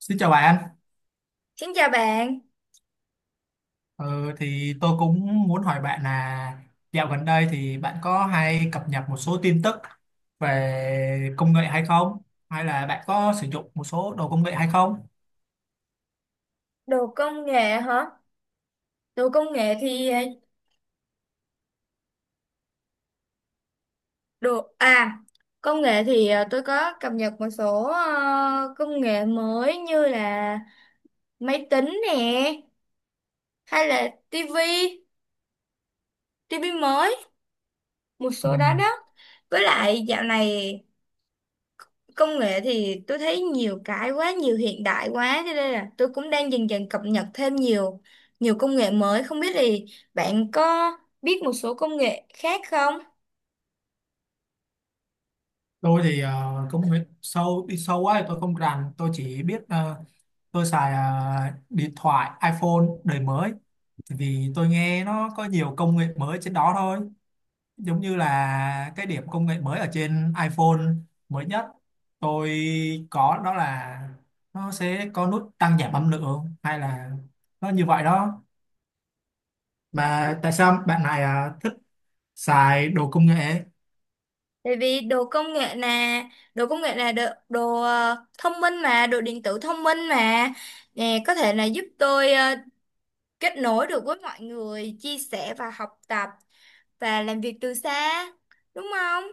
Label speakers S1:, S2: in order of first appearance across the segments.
S1: Xin chào bạn.
S2: Xin chào bạn.
S1: ờ, thì tôi cũng muốn hỏi bạn là dạo gần đây thì bạn có hay cập nhật một số tin tức về công nghệ hay không? Hay là bạn có sử dụng một số đồ công nghệ hay không?
S2: Đồ công nghệ hả? Đồ công nghệ thì đồ à công nghệ thì tôi có cập nhật một số công nghệ mới như là máy tính nè, hay là tivi tivi mới, một
S1: Ừ.
S2: số đó đó. Với lại dạo này công nghệ thì tôi thấy nhiều cái quá, nhiều hiện đại quá, cho nên là tôi cũng đang dần dần cập nhật thêm nhiều nhiều công nghệ mới. Không biết thì bạn có biết một số công nghệ khác không?
S1: Tôi thì công nghệ sâu đi sâu quá thì tôi không rành, tôi chỉ biết tôi xài điện thoại iPhone đời mới, vì tôi nghe nó có nhiều công nghệ mới trên đó thôi. Giống như là cái điểm công nghệ mới ở trên iPhone mới nhất tôi có, đó là nó sẽ có nút tăng giảm âm lượng, hay là nó như vậy đó. Mà tại sao bạn này à, thích xài đồ công nghệ?
S2: Tại vì đồ công nghệ là đồ thông minh mà, đồ điện tử thông minh mà nè, có thể là giúp tôi kết nối được với mọi người, chia sẻ và học tập và làm việc từ xa, đúng không?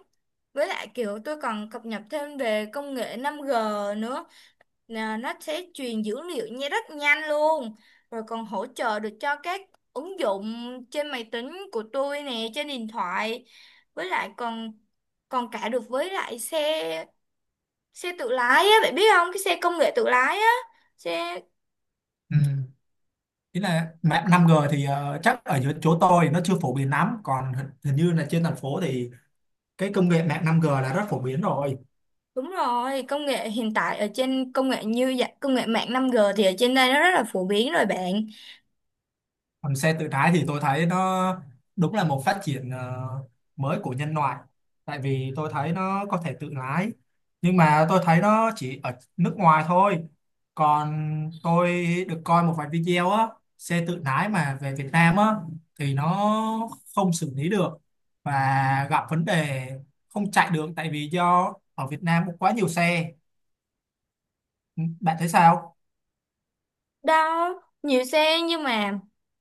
S2: Với lại kiểu tôi còn cập nhật thêm về công nghệ 5G nữa. Nè, nó sẽ truyền dữ liệu nha, rất nhanh luôn, rồi còn hỗ trợ được cho các ứng dụng trên máy tính của tôi nè, trên điện thoại, với lại còn còn cả được với lại xe xe tự lái á, bạn biết không, cái xe công nghệ tự lái á, xe.
S1: Ừ. Ý là mạng 5G thì chắc ở dưới chỗ tôi thì nó chưa phổ biến lắm, còn hình hình như là trên thành phố thì cái công nghệ mạng 5G là rất phổ biến rồi.
S2: Đúng rồi, công nghệ hiện tại ở trên công nghệ như vậy công nghệ mạng 5G thì ở trên đây nó rất là phổ biến rồi bạn.
S1: Còn xe tự lái thì tôi thấy nó đúng là một phát triển mới của nhân loại, tại vì tôi thấy nó có thể tự lái, nhưng mà tôi thấy nó chỉ ở nước ngoài thôi. Còn tôi được coi một vài video á, xe tự lái mà về Việt Nam á, thì nó không xử lý được và gặp vấn đề, không chạy được tại vì do ở Việt Nam có quá nhiều xe. Bạn thấy sao?
S2: Đâu, nhiều xe nhưng mà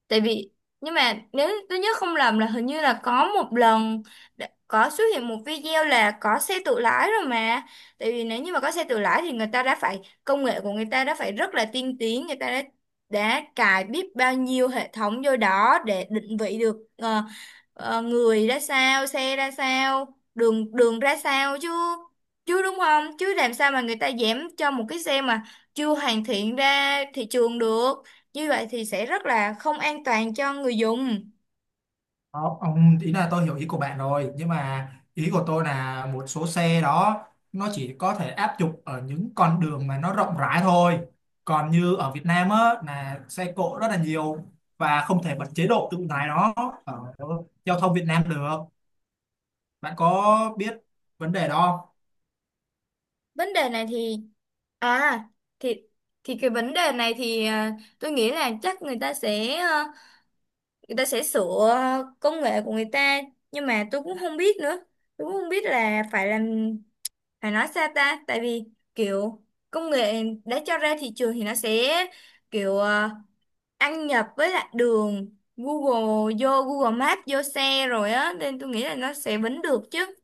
S2: tại vì nhưng mà nếu tôi nhớ không lầm là hình như là có một lần có xuất hiện một video là có xe tự lái rồi mà. Tại vì nếu như mà có xe tự lái thì người ta đã phải công nghệ của người ta đã phải rất là tiên tiến, người ta đã cài biết bao nhiêu hệ thống vô đó để định vị được người ra sao, xe ra sao, đường đường ra sao chứ, đúng không, chứ làm sao mà người ta dám cho một cái xe mà chưa hoàn thiện ra thị trường được, như vậy thì sẽ rất là không an toàn cho người dùng.
S1: Không, ông ý là tôi hiểu ý của bạn rồi, nhưng mà ý của tôi là một số xe đó nó chỉ có thể áp dụng ở những con đường mà nó rộng rãi thôi. Còn như ở Việt Nam á là xe cộ rất là nhiều, và không thể bật chế độ tự lái nó ở giao thông Việt Nam được. Bạn có biết vấn đề đó không?
S2: Vấn đề này thì à thì thì Cái vấn đề này thì tôi nghĩ là chắc người ta sẽ người ta sẽ sửa công nghệ của người ta, nhưng mà tôi cũng không biết nữa, tôi cũng không biết là phải làm, phải nói sao ta. Tại vì kiểu công nghệ đã cho ra thị trường thì nó sẽ kiểu ăn nhập với lại đường Google, vô Google Maps vô xe rồi á, nên tôi nghĩ là nó sẽ bính được chứ.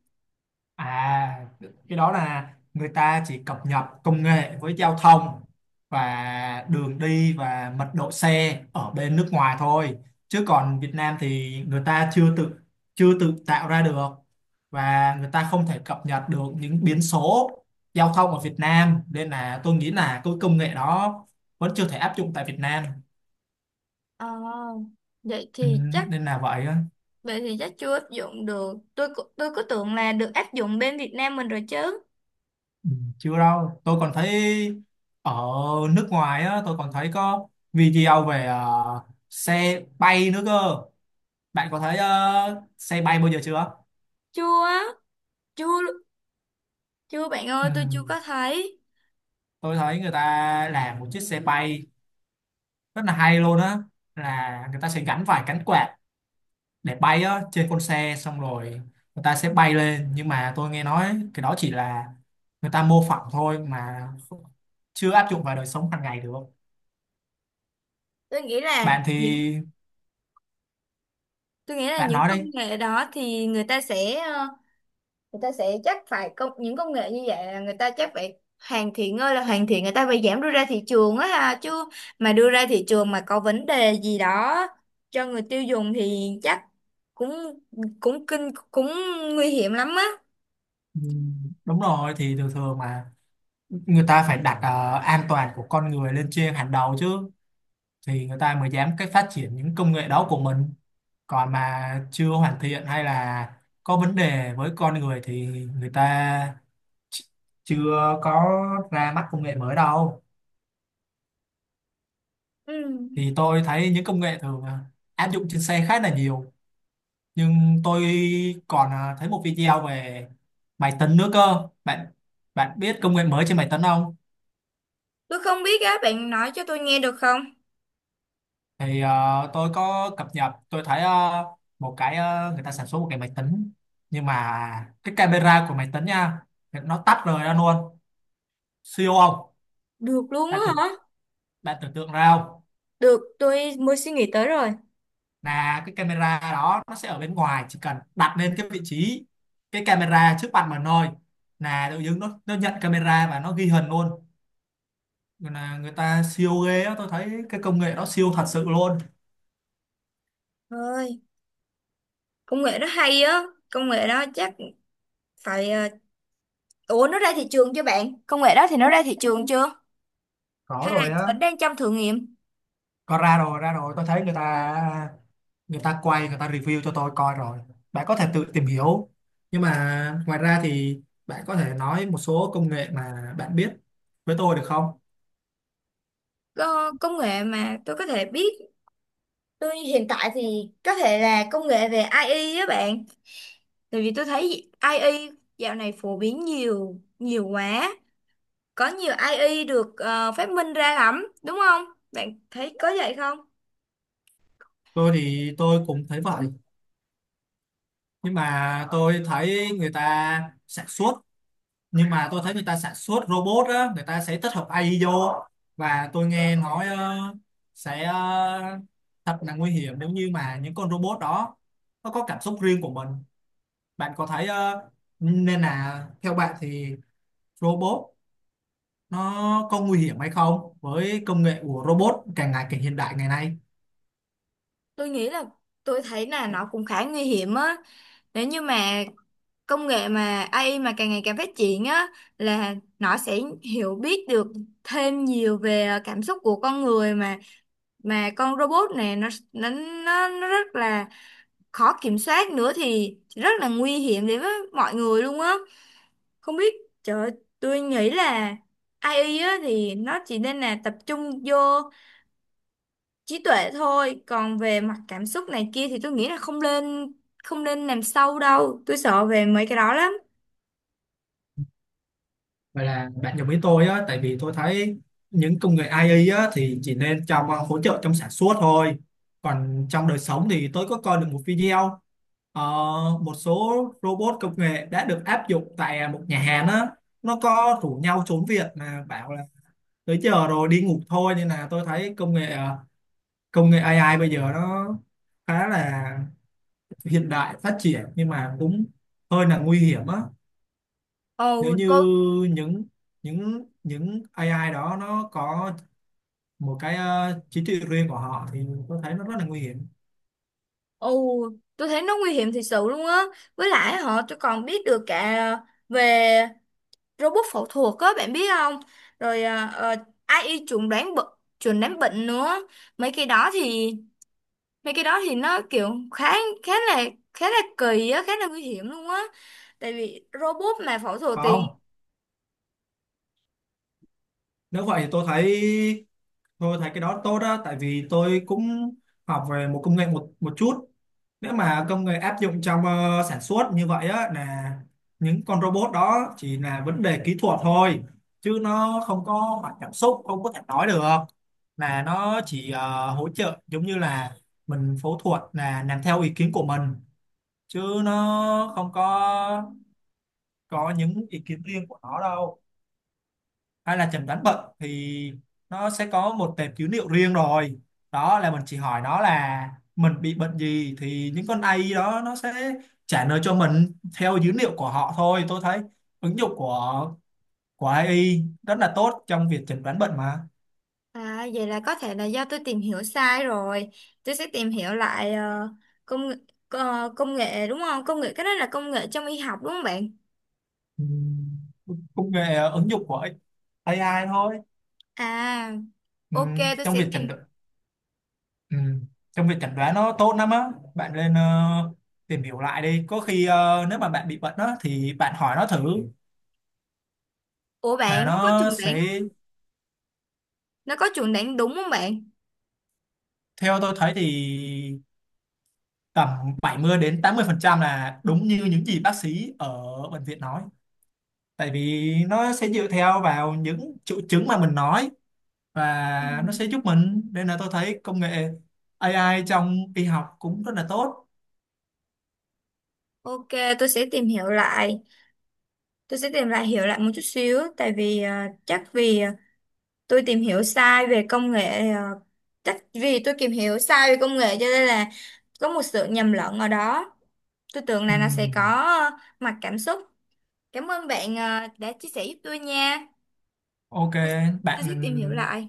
S1: À, cái đó là người ta chỉ cập nhật công nghệ với giao thông và đường đi và mật độ xe ở bên nước ngoài thôi. Chứ còn Việt Nam thì người ta chưa tự tạo ra được, và người ta không thể cập nhật được những biến số giao thông ở Việt Nam, nên là tôi nghĩ là cái công nghệ đó vẫn chưa thể áp dụng tại Việt Nam.
S2: ờ, vậy
S1: Ừ,
S2: thì chắc
S1: nên là vậy.
S2: Vậy thì chắc chưa áp dụng được, tôi cứ tưởng là được áp dụng bên Việt Nam mình rồi chứ.
S1: Ừ, chưa đâu. Tôi còn thấy ở nước ngoài á, tôi còn thấy có video về xe bay nữa cơ. Bạn có thấy xe bay bao giờ chưa?
S2: Chưa, chưa, chưa bạn
S1: Ừ,
S2: ơi, tôi chưa có thấy.
S1: tôi thấy người ta làm một chiếc xe bay rất là hay luôn á, là người ta sẽ gắn phải cánh quạt để bay á trên con xe, xong rồi người ta sẽ bay lên. Nhưng mà tôi nghe nói cái đó chỉ là người ta mô phỏng thôi mà, chưa áp dụng vào đời sống hàng ngày được.
S2: tôi nghĩ là
S1: Bạn thì
S2: những tôi nghĩ là
S1: bạn
S2: những
S1: nói
S2: công
S1: đi.
S2: nghệ đó thì người ta sẽ người ta sẽ chắc phải những công nghệ như vậy là người ta chắc phải hoàn thiện ơi là hoàn thiện, người ta phải giảm đưa ra thị trường á ha chứ. Mà đưa ra thị trường mà có vấn đề gì đó cho người tiêu dùng thì chắc cũng, cũng kinh cũng nguy hiểm lắm á.
S1: Ừ, đúng rồi. Thì thường thường mà người ta phải đặt an toàn của con người lên trên hàng đầu chứ, thì người ta mới dám cái phát triển những công nghệ đó của mình. Còn mà chưa hoàn thiện hay là có vấn đề với con người thì người ta ch- chưa có ra mắt công nghệ mới đâu.
S2: Ừ.
S1: Thì tôi thấy những công nghệ thường áp dụng trên xe khá là nhiều, nhưng tôi còn thấy một video về máy tính nữa cơ bạn. Bạn biết công nghệ mới trên máy tính không?
S2: Tôi không biết á, bạn nói cho tôi nghe được không?
S1: Thì tôi có cập nhật, tôi thấy một cái người ta sản xuất một cái máy tính, nhưng mà cái camera của máy tính nha, nó tách rời ra luôn. Siêu không?
S2: Được luôn á
S1: bạn tưởng
S2: hả?
S1: Bạn tưởng tượng ra không?
S2: Được, tôi mới suy nghĩ tới rồi.
S1: Là cái camera đó nó sẽ ở bên ngoài, chỉ cần đặt lên cái vị trí cái camera trước mặt mình thôi, là tự dưng nó nhận camera và nó ghi hình luôn. Nên là người ta siêu ghê á, tôi thấy cái công nghệ đó siêu thật sự luôn.
S2: Ơi, công nghệ đó hay á. Công nghệ đó chắc phải ờ, Ủa, nó ra thị trường chưa bạn, công nghệ đó thì nó ra thị trường chưa
S1: Có
S2: hay là
S1: rồi á.
S2: vẫn đang trong thử nghiệm?
S1: Có, ra rồi, ra rồi. Tôi thấy người ta, người ta quay, người ta review cho tôi coi rồi. Bạn có thể tự tìm hiểu. Nhưng mà ngoài ra thì bạn có thể nói một số công nghệ mà bạn biết với tôi được không?
S2: Ờ, Công nghệ mà tôi có thể biết, tôi hiện tại thì có thể là công nghệ về AI á bạn, tại vì tôi thấy AI dạo này phổ biến nhiều nhiều quá, có nhiều AI được phát minh ra lắm, đúng không, bạn thấy có vậy không?
S1: Tôi thì tôi cũng thấy vậy. Nhưng mà tôi thấy người ta sản xuất, nhưng mà tôi thấy người ta sản xuất robot á, người ta sẽ tích hợp AI vô. Và tôi nghe nói sẽ thật là nguy hiểm nếu như mà những con robot đó nó có cảm xúc riêng của mình. Bạn có thấy nên là theo bạn thì robot nó có nguy hiểm hay không với công nghệ của robot càng ngày càng hiện đại ngày nay?
S2: tôi nghĩ là tôi thấy là nó cũng khá nguy hiểm á, nếu như mà công nghệ mà AI mà càng ngày càng phát triển á, là nó sẽ hiểu biết được thêm nhiều về cảm xúc của con người, mà con robot này nó rất là khó kiểm soát nữa thì rất là nguy hiểm đến với mọi người luôn á. Không biết, trời ơi, tôi nghĩ là AI á, thì nó chỉ nên là tập trung vô trí tuệ thôi, còn về mặt cảm xúc này kia thì tôi nghĩ là không nên, không nên làm sâu đâu, tôi sợ về mấy cái đó lắm.
S1: Vậy là bạn đồng ý tôi á. Tại vì tôi thấy những công nghệ AI á thì chỉ nên trong hỗ trợ trong sản xuất thôi. Còn trong đời sống thì tôi có coi được một video ờ, một số robot công nghệ đã được áp dụng tại một nhà hàng á, nó có rủ nhau trốn việc mà bảo là tới giờ rồi đi ngủ thôi. Nên là tôi thấy công nghệ công nghệ AI bây giờ nó khá là hiện đại phát triển, nhưng mà cũng hơi là nguy hiểm á, nếu
S2: Ồ
S1: như
S2: cô,
S1: những những AI đó nó có một cái trí tuệ riêng của họ thì tôi thấy nó rất là nguy hiểm.
S2: ồ, tôi thấy nó nguy hiểm thật sự luôn á, với lại họ, tôi còn biết được cả về robot phẫu thuật á, bạn biết không? Rồi AI chuẩn đoán bệnh, chuẩn đoán bệnh nữa. mấy cái đó thì Mấy cái đó thì nó kiểu khá, khá là khá là kỳ á, khá là nguy hiểm luôn á, tại vì robot mà phẫu thuật
S1: Phải không?
S2: thì.
S1: Nếu vậy thì tôi thấy, tôi thấy cái đó tốt đó. Tại vì tôi cũng học về một công nghệ một một chút. Nếu mà công nghệ áp dụng trong sản xuất như vậy á, là những con robot đó chỉ là vấn đề kỹ thuật thôi, chứ nó không có mặt cảm xúc, không có thể nói được. Là nó chỉ hỗ trợ, giống như là mình phẫu thuật là làm theo ý kiến của mình, chứ nó không có có những ý kiến riêng của nó đâu. Hay là chẩn đoán bệnh thì nó sẽ có một tệp dữ liệu riêng rồi, đó là mình chỉ hỏi nó là mình bị bệnh gì, thì những con AI đó nó sẽ trả lời cho mình theo dữ liệu của họ thôi. Tôi thấy ứng dụng của AI rất là tốt trong việc chẩn đoán bệnh mà.
S2: À, vậy là có thể là do tôi tìm hiểu sai rồi, tôi sẽ tìm hiểu lại công nghệ, công nghệ đúng không, công nghệ cái đó là công nghệ trong y học đúng không bạn?
S1: Ừm, công nghệ ứng dụng của AI thôi.
S2: À, ok, tôi
S1: Trong
S2: sẽ
S1: việc
S2: tìm.
S1: chẩn đoán, ừm, trong việc chẩn đoán nó tốt lắm á. Bạn lên tìm hiểu lại đi, có khi nếu mà bạn bị bệnh đó thì bạn hỏi nó thử,
S2: Ủa bạn,
S1: là
S2: nó có
S1: nó
S2: chuẩn đoán,
S1: sẽ.
S2: nó có chuẩn đoán đúng không bạn?
S1: Theo tôi thấy thì tầm 70% đến 80% là đúng như những gì bác sĩ ở bệnh viện nói. Tại vì nó sẽ dựa theo vào những triệu chứng mà mình nói,
S2: Ừ.
S1: và nó sẽ giúp mình. Nên là tôi thấy công nghệ AI trong y học cũng rất là tốt.
S2: Ok, tôi sẽ tìm hiểu lại. Tôi sẽ tìm lại hiểu lại một chút xíu, tại vì chắc vì tôi tìm hiểu sai về công nghệ, à, chắc vì tôi tìm hiểu sai về công nghệ cho nên là có một sự nhầm lẫn ở đó. Tôi tưởng là nó sẽ có
S1: Ừm,
S2: mặt cảm xúc. Cảm ơn bạn đã chia sẻ giúp tôi nha.
S1: ok
S2: Tôi, tôi
S1: bạn
S2: sẽ tìm hiểu lại.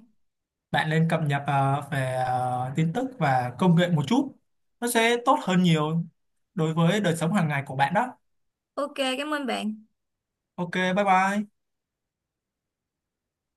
S1: bạn nên cập nhật về tin tức và công nghệ một chút, nó sẽ tốt hơn nhiều đối với đời sống hàng ngày của bạn đó.
S2: Ok, cảm ơn bạn.
S1: Ok, bye bye.